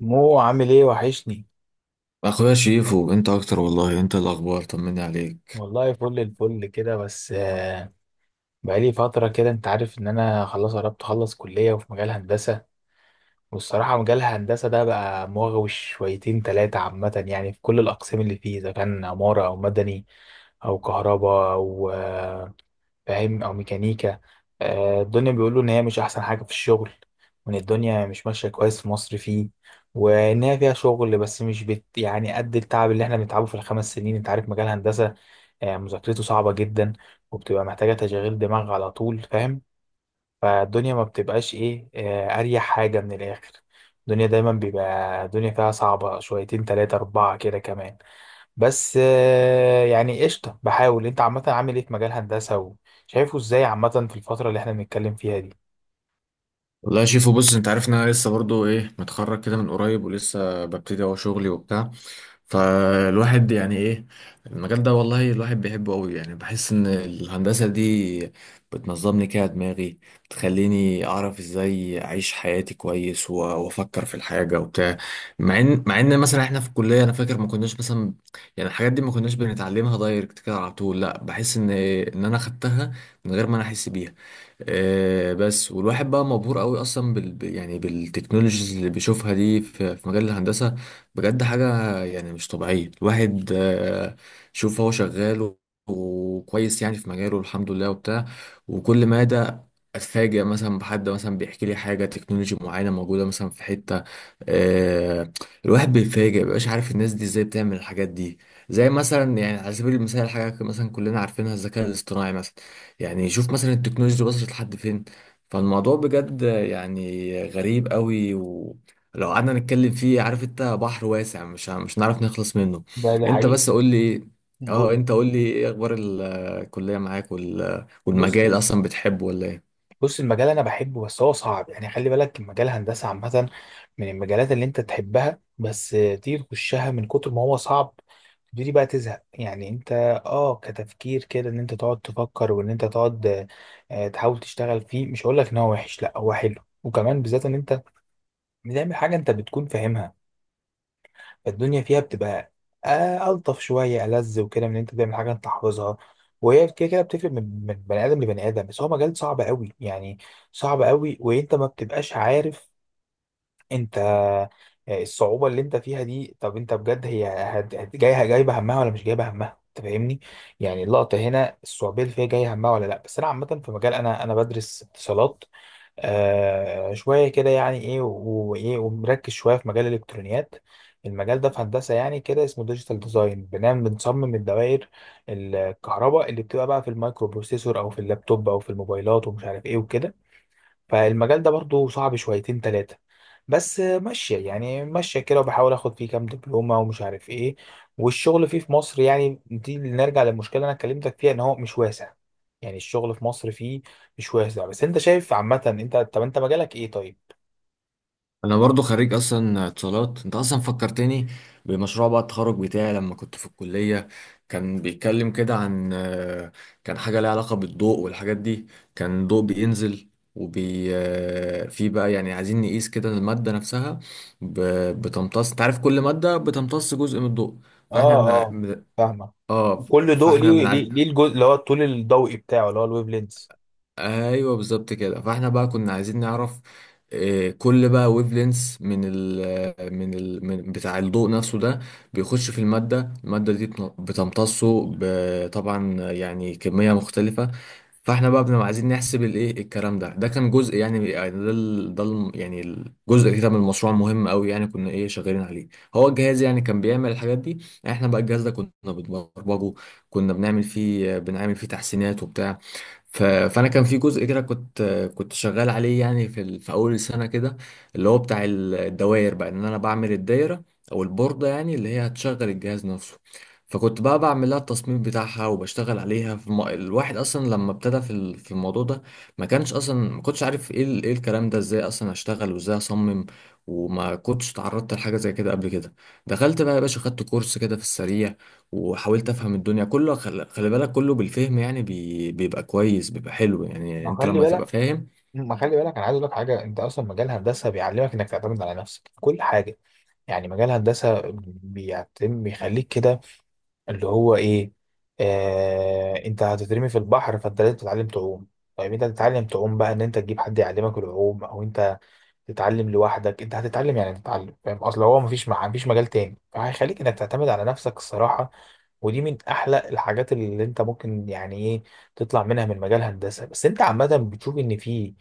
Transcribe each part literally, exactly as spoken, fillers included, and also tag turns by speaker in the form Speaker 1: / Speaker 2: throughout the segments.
Speaker 1: مو عامل ايه وحشني.
Speaker 2: اخويا شيفو، انت اكتر والله. انت الاخبار، طمني عليك.
Speaker 1: والله فل الفل كده، بس آه، بقالي فترة كده. انت عارف ان انا خلاص قربت اخلص كلية وفي مجال هندسة. والصراحة مجال الهندسة ده بقى مغوي شويتين تلاتة عامة، يعني في كل الأقسام اللي فيه، إذا كان عمارة أو مدني أو كهرباء أو آه، فاهم، او ميكانيكا. آه، الدنيا بيقولوا ان هي مش احسن حاجه في الشغل، وان الدنيا مش ماشيه كويس في مصر فيه، وان هي فيها شغل بس مش بت يعني قد التعب اللي احنا بنتعبه في الخمس سنين. انت عارف مجال هندسه آه، مذاكرته صعبه جدا، وبتبقى محتاجه تشغيل دماغ على طول، فاهم؟ فالدنيا ما بتبقاش ايه آه، اريح حاجه من الاخر. الدنيا دايما بيبقى الدنيا فيها صعبه شويتين تلاتة اربعه كده كمان، بس آه، يعني قشطة، بحاول. انت عامة عامل ايه في مجال هندسة، وشايفه ازاي عامة في الفترة اللي احنا بنتكلم فيها دي؟
Speaker 2: والله يا شيفو، بص، انت عارف ان انا لسه برضو ايه متخرج كده من قريب، ولسه ببتدي اهو شغلي وبتاع. فالواحد يعني ايه المجال ده والله الواحد بيحبه قوي. يعني بحس ان الهندسة دي بتنظمني كده دماغي، بتخليني اعرف ازاي اعيش حياتي كويس و- وافكر في الحاجة وبتاع. مع ان مع ان مثلا احنا في الكلية، انا فاكر ما كناش مثلا يعني الحاجات دي ما كناش بنتعلمها دايركت كده على طول. لا، بحس ان إيه، ان انا خدتها من غير ما انا احس بيها. آه، بس والواحد بقى مبهور قوي اصلا بال ب- يعني بالتكنولوجيز اللي بيشوفها دي في في مجال الهندسه. بجد حاجه يعني مش طبيعيه. الواحد آه، شوف هو شغال و- وكويس يعني في مجاله الحمد لله وبتاع. وكل ما ده اتفاجئ مثلا بحد مثلا بيحكي لي حاجه تكنولوجي معينه موجوده مثلا في حته، آه، الواحد بيتفاجئ، مبقاش عارف الناس دي ازاي بتعمل الحاجات دي. زي مثلا يعني على سبيل المثال حاجه مثلا كلنا عارفينها، الذكاء الاصطناعي مثلا. يعني شوف مثلا التكنولوجيا وصلت لحد فين. فالموضوع بجد يعني غريب قوي، ولو قعدنا نتكلم فيه، عارف انت، بحر واسع، مش ه- مش هنعرف نخلص منه.
Speaker 1: ده دي
Speaker 2: انت
Speaker 1: حقيقة.
Speaker 2: بس قول لي إيه؟ اه
Speaker 1: قول.
Speaker 2: انت قول لي ايه اخبار الكلية معاك وال...
Speaker 1: بص
Speaker 2: والمجال اصلا بتحبه ولا ايه؟
Speaker 1: بص، المجال انا بحبه بس هو صعب، يعني خلي بالك المجال الهندسه عامه من المجالات اللي انت تحبها، بس آه، تيجي تخشها من كتر ما هو صعب تبتدي بقى تزهق، يعني انت اه كتفكير كده ان انت تقعد تفكر وان انت تقعد آه، آه، تحاول تشتغل فيه. مش هقول لك ان هو وحش، لا هو حلو، وكمان بالذات ان انت بتعمل حاجه انت بتكون فاهمها الدنيا فيها بتبقى آه، ألطف شوية ألذ وكده من إن أنت تعمل حاجة أنت حافظها. وهي كده كده بتفرق من من بني آدم لبني آدم، بس هو مجال صعب قوي يعني، صعب قوي. وأنت ما بتبقاش عارف أنت آه، الصعوبة اللي أنت فيها دي، طب أنت بجد هي هت- هت- جاية جايبة همها ولا مش جايبة همها؟ أنت فاهمني، يعني اللقطة هنا الصعوبية اللي فيها جاية همها ولا لأ. بس أنا عامة في مجال، أنا أنا بدرس اتصالات آه شوية كده، يعني إيه و- وإيه، ومركز شوية في مجال الإلكترونيات. المجال ده في هندسة يعني كده اسمه ديجيتال ديزاين، بنعمل بنصمم الدوائر الكهرباء اللي بتبقى بقى في المايكرو بروسيسور أو في اللابتوب أو في الموبايلات ومش عارف إيه وكده. فالمجال ده برضو صعب شويتين تلاتة، بس ماشية يعني، ماشية كده وبحاول اخد فيه كام دبلومة ومش عارف ايه. والشغل فيه في مصر، يعني دي اللي نرجع للمشكلة اللي انا كلمتك فيها ان هو مش واسع، يعني الشغل في مصر فيه مش واسع. بس انت شايف عامة انت، طب انت مجالك ايه طيب؟
Speaker 2: انا برضو خريج اصلا اتصالات. انت اصلا فكرتني بمشروع بقى التخرج بتاعي لما كنت في الكلية. كان بيتكلم كده عن آه، كان حاجة ليها علاقة بالضوء والحاجات دي. كان ضوء بينزل وبي آه، في بقى يعني عايزين نقيس كده المادة نفسها ب- بتمتص. انت عارف كل مادة بتمتص جزء من الضوء. فاحنا
Speaker 1: اه
Speaker 2: بنع...
Speaker 1: اه،
Speaker 2: بن-
Speaker 1: فاهمة.
Speaker 2: اه
Speaker 1: كل ضوء
Speaker 2: فاحنا
Speaker 1: ليه
Speaker 2: بنع...
Speaker 1: ليه ليه الجزء اللي هو الطول الضوئي بتاعه اللي هو الويف لينز.
Speaker 2: ايوه بالظبط كده. فاحنا بقى كنا عايزين نعرف، آه، كل بقى ويف لينس من ال من ال من بتاع الضوء نفسه ده، بيخش في المادة. المادة دي بتن- بتمتصه ب- طبعا يعني كمية مختلفة. فاحنا بقى بنبقى عايزين نحسب الايه الكلام ده. ده كان جزء يعني، يعني ده ال- ده الم- يعني الجزء كده من المشروع مهم قوي يعني، كنا ايه شغالين عليه. هو الجهاز يعني كان بيعمل الحاجات دي، احنا بقى الجهاز ده كنا بنبرمجه، كنا بنعمل فيه بنعمل فيه تحسينات وبتاع. ف- فانا كان في جزء كده كنت كنت شغال عليه يعني في ال- في اول السنه كده، اللي هو بتاع ال- الدوائر، بقى ان انا بعمل الدايره او البورده يعني اللي هي هتشغل الجهاز نفسه. فكنت بقى بعمل لها التصميم بتاعها وبشتغل عليها في الم... الواحد اصلا لما ابتدى في ال- في الموضوع ده، ما كانش اصلا ما كنتش عارف ايه ال- ايه الكلام ده، ازاي اصلا اشتغل وازاي اصمم. وما كنتش تعرضت لحاجه زي كده قبل كده. دخلت بقى يا باشا خدت كورس كده في السريع، وحاولت افهم الدنيا كله. خل- خلي بالك كله بالفهم، يعني بي... بيبقى كويس، بيبقى حلو، يعني
Speaker 1: ما
Speaker 2: انت
Speaker 1: خلي
Speaker 2: لما تبقى
Speaker 1: بالك
Speaker 2: فاهم.
Speaker 1: ما خلي بالك، انا عايز اقول لك حاجه. انت اصلا مجال هندسه بيعلمك انك تعتمد على نفسك في كل حاجه، يعني مجال هندسه بيعتم بيخليك كده اللي هو ايه، آه انت هتترمي في البحر فانت لازم تتعلم تعوم. طيب انت هتتعلم تعوم بقى ان انت تجيب حد يعلمك العوم او انت تتعلم لوحدك؟ انت هتتعلم يعني تتعلم، فاهم؟ اصل هو مفيش مع... مفيش مجال تاني فهيخليك انك تعتمد على نفسك الصراحة. ودي من احلى الحاجات اللي انت ممكن يعني ايه تطلع منها من مجال هندسة. بس انت عامة بتشوف ان في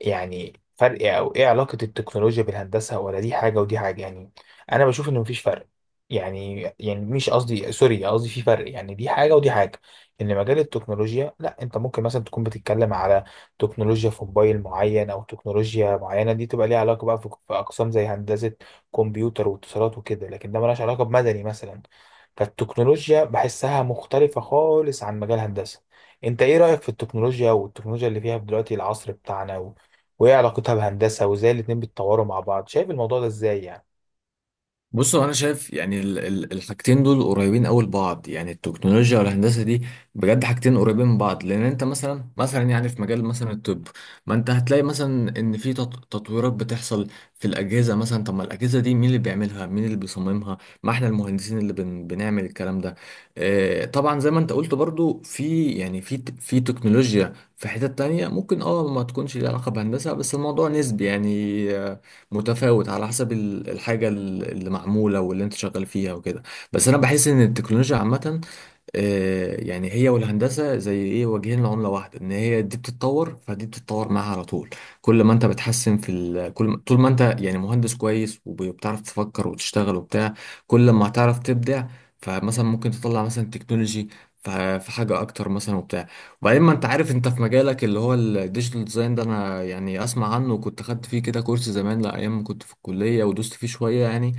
Speaker 1: يعني فرق، او ايه علاقة التكنولوجيا بالهندسة، ولا دي حاجة ودي حاجة يعني؟ انا بشوف ان مفيش فرق، يعني يعني مش قصدي، سوري قصدي في فرق يعني، دي حاجة ودي حاجة. ان مجال التكنولوجيا لا، انت ممكن مثلا تكون بتتكلم على تكنولوجيا في موبايل معين او تكنولوجيا معينه، دي تبقى ليها علاقه بقى في في اقسام زي هندسه كمبيوتر واتصالات وكده، لكن ده ملهاش علاقه بمدني مثلا. فالتكنولوجيا بحسها مختلفه خالص عن مجال هندسه. انت ايه رايك في التكنولوجيا، والتكنولوجيا اللي فيها في دلوقتي العصر بتاعنا و... وايه علاقتها بهندسه، وازاي الاتنين بيتطوروا مع بعض؟ شايف الموضوع ده ازاي يعني؟
Speaker 2: بصوا، انا شايف يعني ال- ال- الحاجتين دول قريبين قوي لبعض، يعني التكنولوجيا والهندسه دي بجد حاجتين قريبين من بعض. لان انت مثلا مثلا يعني في مجال مثلا الطب، ما انت هتلاقي مثلا ان في تط- تطويرات بتحصل في الاجهزه مثلا. طب ما الاجهزه دي مين اللي بيعملها، مين اللي بيصممها؟ ما احنا المهندسين اللي بن بنعمل الكلام ده. آه طبعا زي ما انت قلت برضو في يعني في ت- في تكنولوجيا في حتت تانية ممكن اه ما تكونش ليها علاقه بهندسه، بس الموضوع نسبي يعني، متفاوت على حسب ال- الحاجة ال- اللي معمولة واللي انت شغال فيها وكده. بس انا بحس ان التكنولوجيا عامة، آه، يعني هي والهندسة زي ايه، وجهين لعملة واحدة، ان هي دي بتتطور فدي بتتطور معاها على طول. كل ما انت بتحسن في ال... كل ما... طول ما انت يعني مهندس كويس وب- وبتعرف تفكر وتشتغل وبتاع، كل ما هتعرف تبدع. فمثلا ممكن تطلع مثلا تكنولوجي ف- في حاجة أكتر مثلا وبتاع. وبعدين ما أنت عارف أنت في مجالك اللي هو الديجيتال ديزاين ده، أنا يعني أسمع عنه، وكنت خدت فيه كده كورس زمان لا أيام ما كنت في الكلية، ودوست فيه شوية يعني.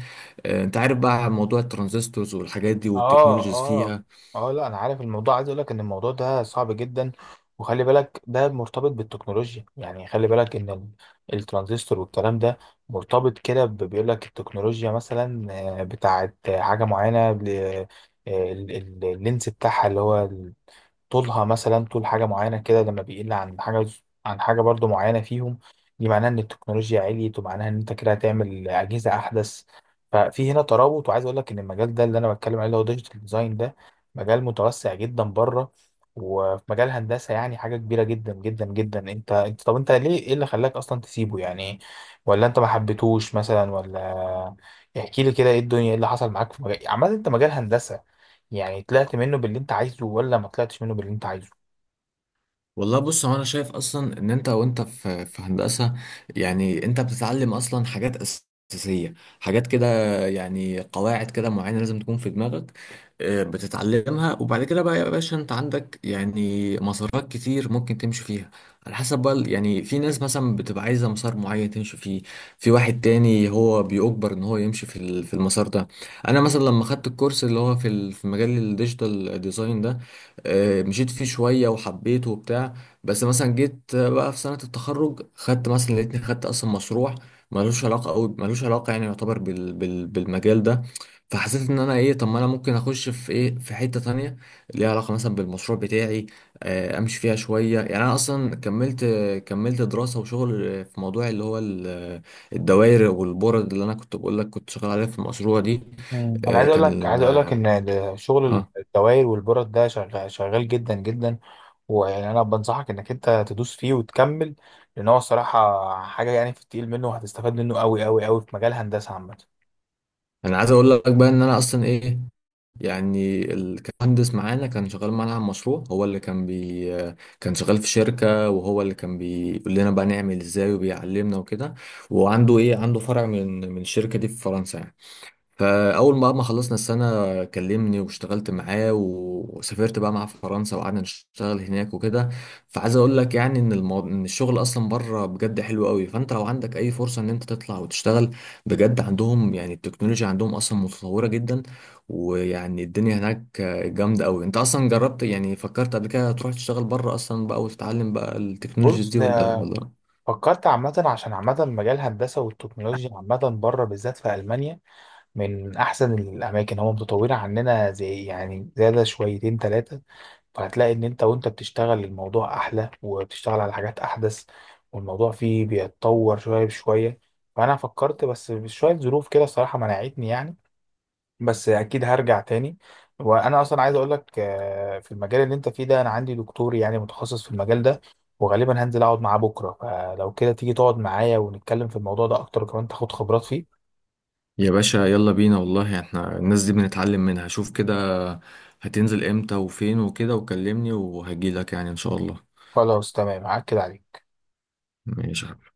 Speaker 2: آه، أنت عارف بقى موضوع الترانزستورز والحاجات دي
Speaker 1: اه
Speaker 2: والتكنولوجيز
Speaker 1: اه
Speaker 2: فيها.
Speaker 1: اه، لا انا عارف الموضوع. عايز اقول لك ان الموضوع ده صعب جدا، وخلي بالك ده مرتبط بالتكنولوجيا، يعني خلي بالك ان ال- الترانزستور والكلام ده مرتبط كده ب- بيقول لك التكنولوجيا مثلا آه، بتاعت حاجة معينة ل- آه، ال- ال- اللينس بتاعها اللي هو طولها مثلا طول حاجة معينة كده لما بيقل عن حاجة عن حاجة برضو معينة فيهم، دي معناها إن التكنولوجيا عليت، ومعناها إن أنت كده هتعمل أجهزة أحدث. ففي هنا ترابط. وعايز أقول لك إن المجال ده اللي أنا بتكلم عليه اللي هو ديجيتال ديزاين ده مجال متوسع جدا بره، وفي مجال هندسة يعني حاجة كبيرة جدا جدا جدا. أنت أنت طب أنت ليه، إيه اللي خلاك أصلا تسيبه يعني؟ ولا أنت ما حبيتهوش مثلا ولا؟ احكي لي كده إيه الدنيا، إيه اللي حصل معاك في مجال، عامة أنت مجال هندسة يعني طلعت منه باللي انت عايزه ولا ما طلعتش منه باللي انت عايزه؟
Speaker 2: والله بص، هو انا شايف اصلا ان انت وانت في في هندسه يعني انت بتتعلم اصلا حاجات اساسيه، حاجات كده، يعني قواعد كده معينه لازم تكون في دماغك. آه، بتتعلمها، وبعد كده بقى يا باشا انت عندك يعني مسارات كتير ممكن تمشي فيها، على حسب بقى ال- يعني في ناس مثلا بتبقى عايزه مسار معين تمشي فيه، في واحد تاني هو بيجبر ان هو يمشي في ال- في المسار ده. انا مثلا لما خدت الكورس اللي هو في ال- في مجال الديجيتال ديزاين ده، آه، مشيت فيه شوية وحبيته وبتاع. بس مثلا جيت آه، بقى في سنة التخرج خدت مثلا، لقيتني خدت أصلا مشروع ملوش علاقة أوي، ملوش علاقة يعني يعتبر بال بال بالمجال ده. فحسيت إن أنا إيه، طب ما أنا ممكن أخش في إيه في حتة تانية ليها علاقة مثلا بالمشروع بتاعي، آه، أمشي فيها شوية. يعني أنا أصلا كملت كملت دراسة وشغل آه، في موضوع اللي هو ال- الدوائر والبورد اللي أنا كنت بقول لك كنت شغال عليها في المشروع دي.
Speaker 1: مم. انا
Speaker 2: آه،
Speaker 1: عايز اقول لك
Speaker 2: كان
Speaker 1: عايز اقول لك ان شغل
Speaker 2: اه
Speaker 1: الدوائر والبرد ده شغال شغال جدا جدا، ويعني انا بنصحك انك انت تدوس فيه وتكمل، لان هو الصراحه حاجه يعني في التقيل منه، وهتستفاد منه قوي قوي قوي في مجال هندسه عامه.
Speaker 2: انا عايز اقول لك بقى ان انا اصلا ايه، يعني ال- كان مهندس معانا كان شغال معانا على مشروع، هو اللي كان بي كان شغال في شركة، وهو اللي كان بيقول لنا بقى نعمل ازاي وبيعلمنا وكده. وعنده ايه، عنده فرع من من الشركة دي في فرنسا يعني. فاول ما ما خلصنا السنه كلمني واشتغلت معاه، وسافرت بقى مع فرنسا وقعدنا نشتغل هناك وكده. فعايز اقول لك يعني ان المو... ان الشغل اصلا بره بجد حلو قوي. فانت لو عندك اي فرصه ان انت تطلع وتشتغل، بجد عندهم يعني التكنولوجيا عندهم اصلا متطوره جدا، ويعني الدنيا هناك جامده قوي. انت اصلا جربت يعني، فكرت قبل كده تروح تشتغل بره اصلا بقى وتتعلم بقى التكنولوجيز
Speaker 1: بص،
Speaker 2: دي ولا ولا؟
Speaker 1: فكرت عامة عشان عامة مجال الهندسة والتكنولوجيا عامة بره بالذات في ألمانيا من أحسن الأماكن، هم متطورين عننا زي يعني زيادة شويتين تلاتة، فهتلاقي ان انت وانت بتشتغل الموضوع احلى وبتشتغل على حاجات احدث، والموضوع فيه بيتطور شويه بشويه. فانا فكرت، بس بشويه ظروف كده الصراحه منعتني يعني، بس اكيد هرجع تاني. وانا اصلا عايز اقول لك آه، في المجال اللي انت فيه ده انا عندي دكتور يعني متخصص في المجال ده، وغالبا هنزل اقعد معاه بكره، فلو كده تيجي تقعد معايا ونتكلم في الموضوع ده اكتر وكمان تاخد خبرات فيه.
Speaker 2: يا باشا يلا بينا والله، احنا الناس دي بنتعلم منها. شوف كده هتنزل امتى وفين وكده وكلمني وهجيلك يعني ان شاء الله.
Speaker 1: خلاص تمام، هاكد عليك.
Speaker 2: ماشي.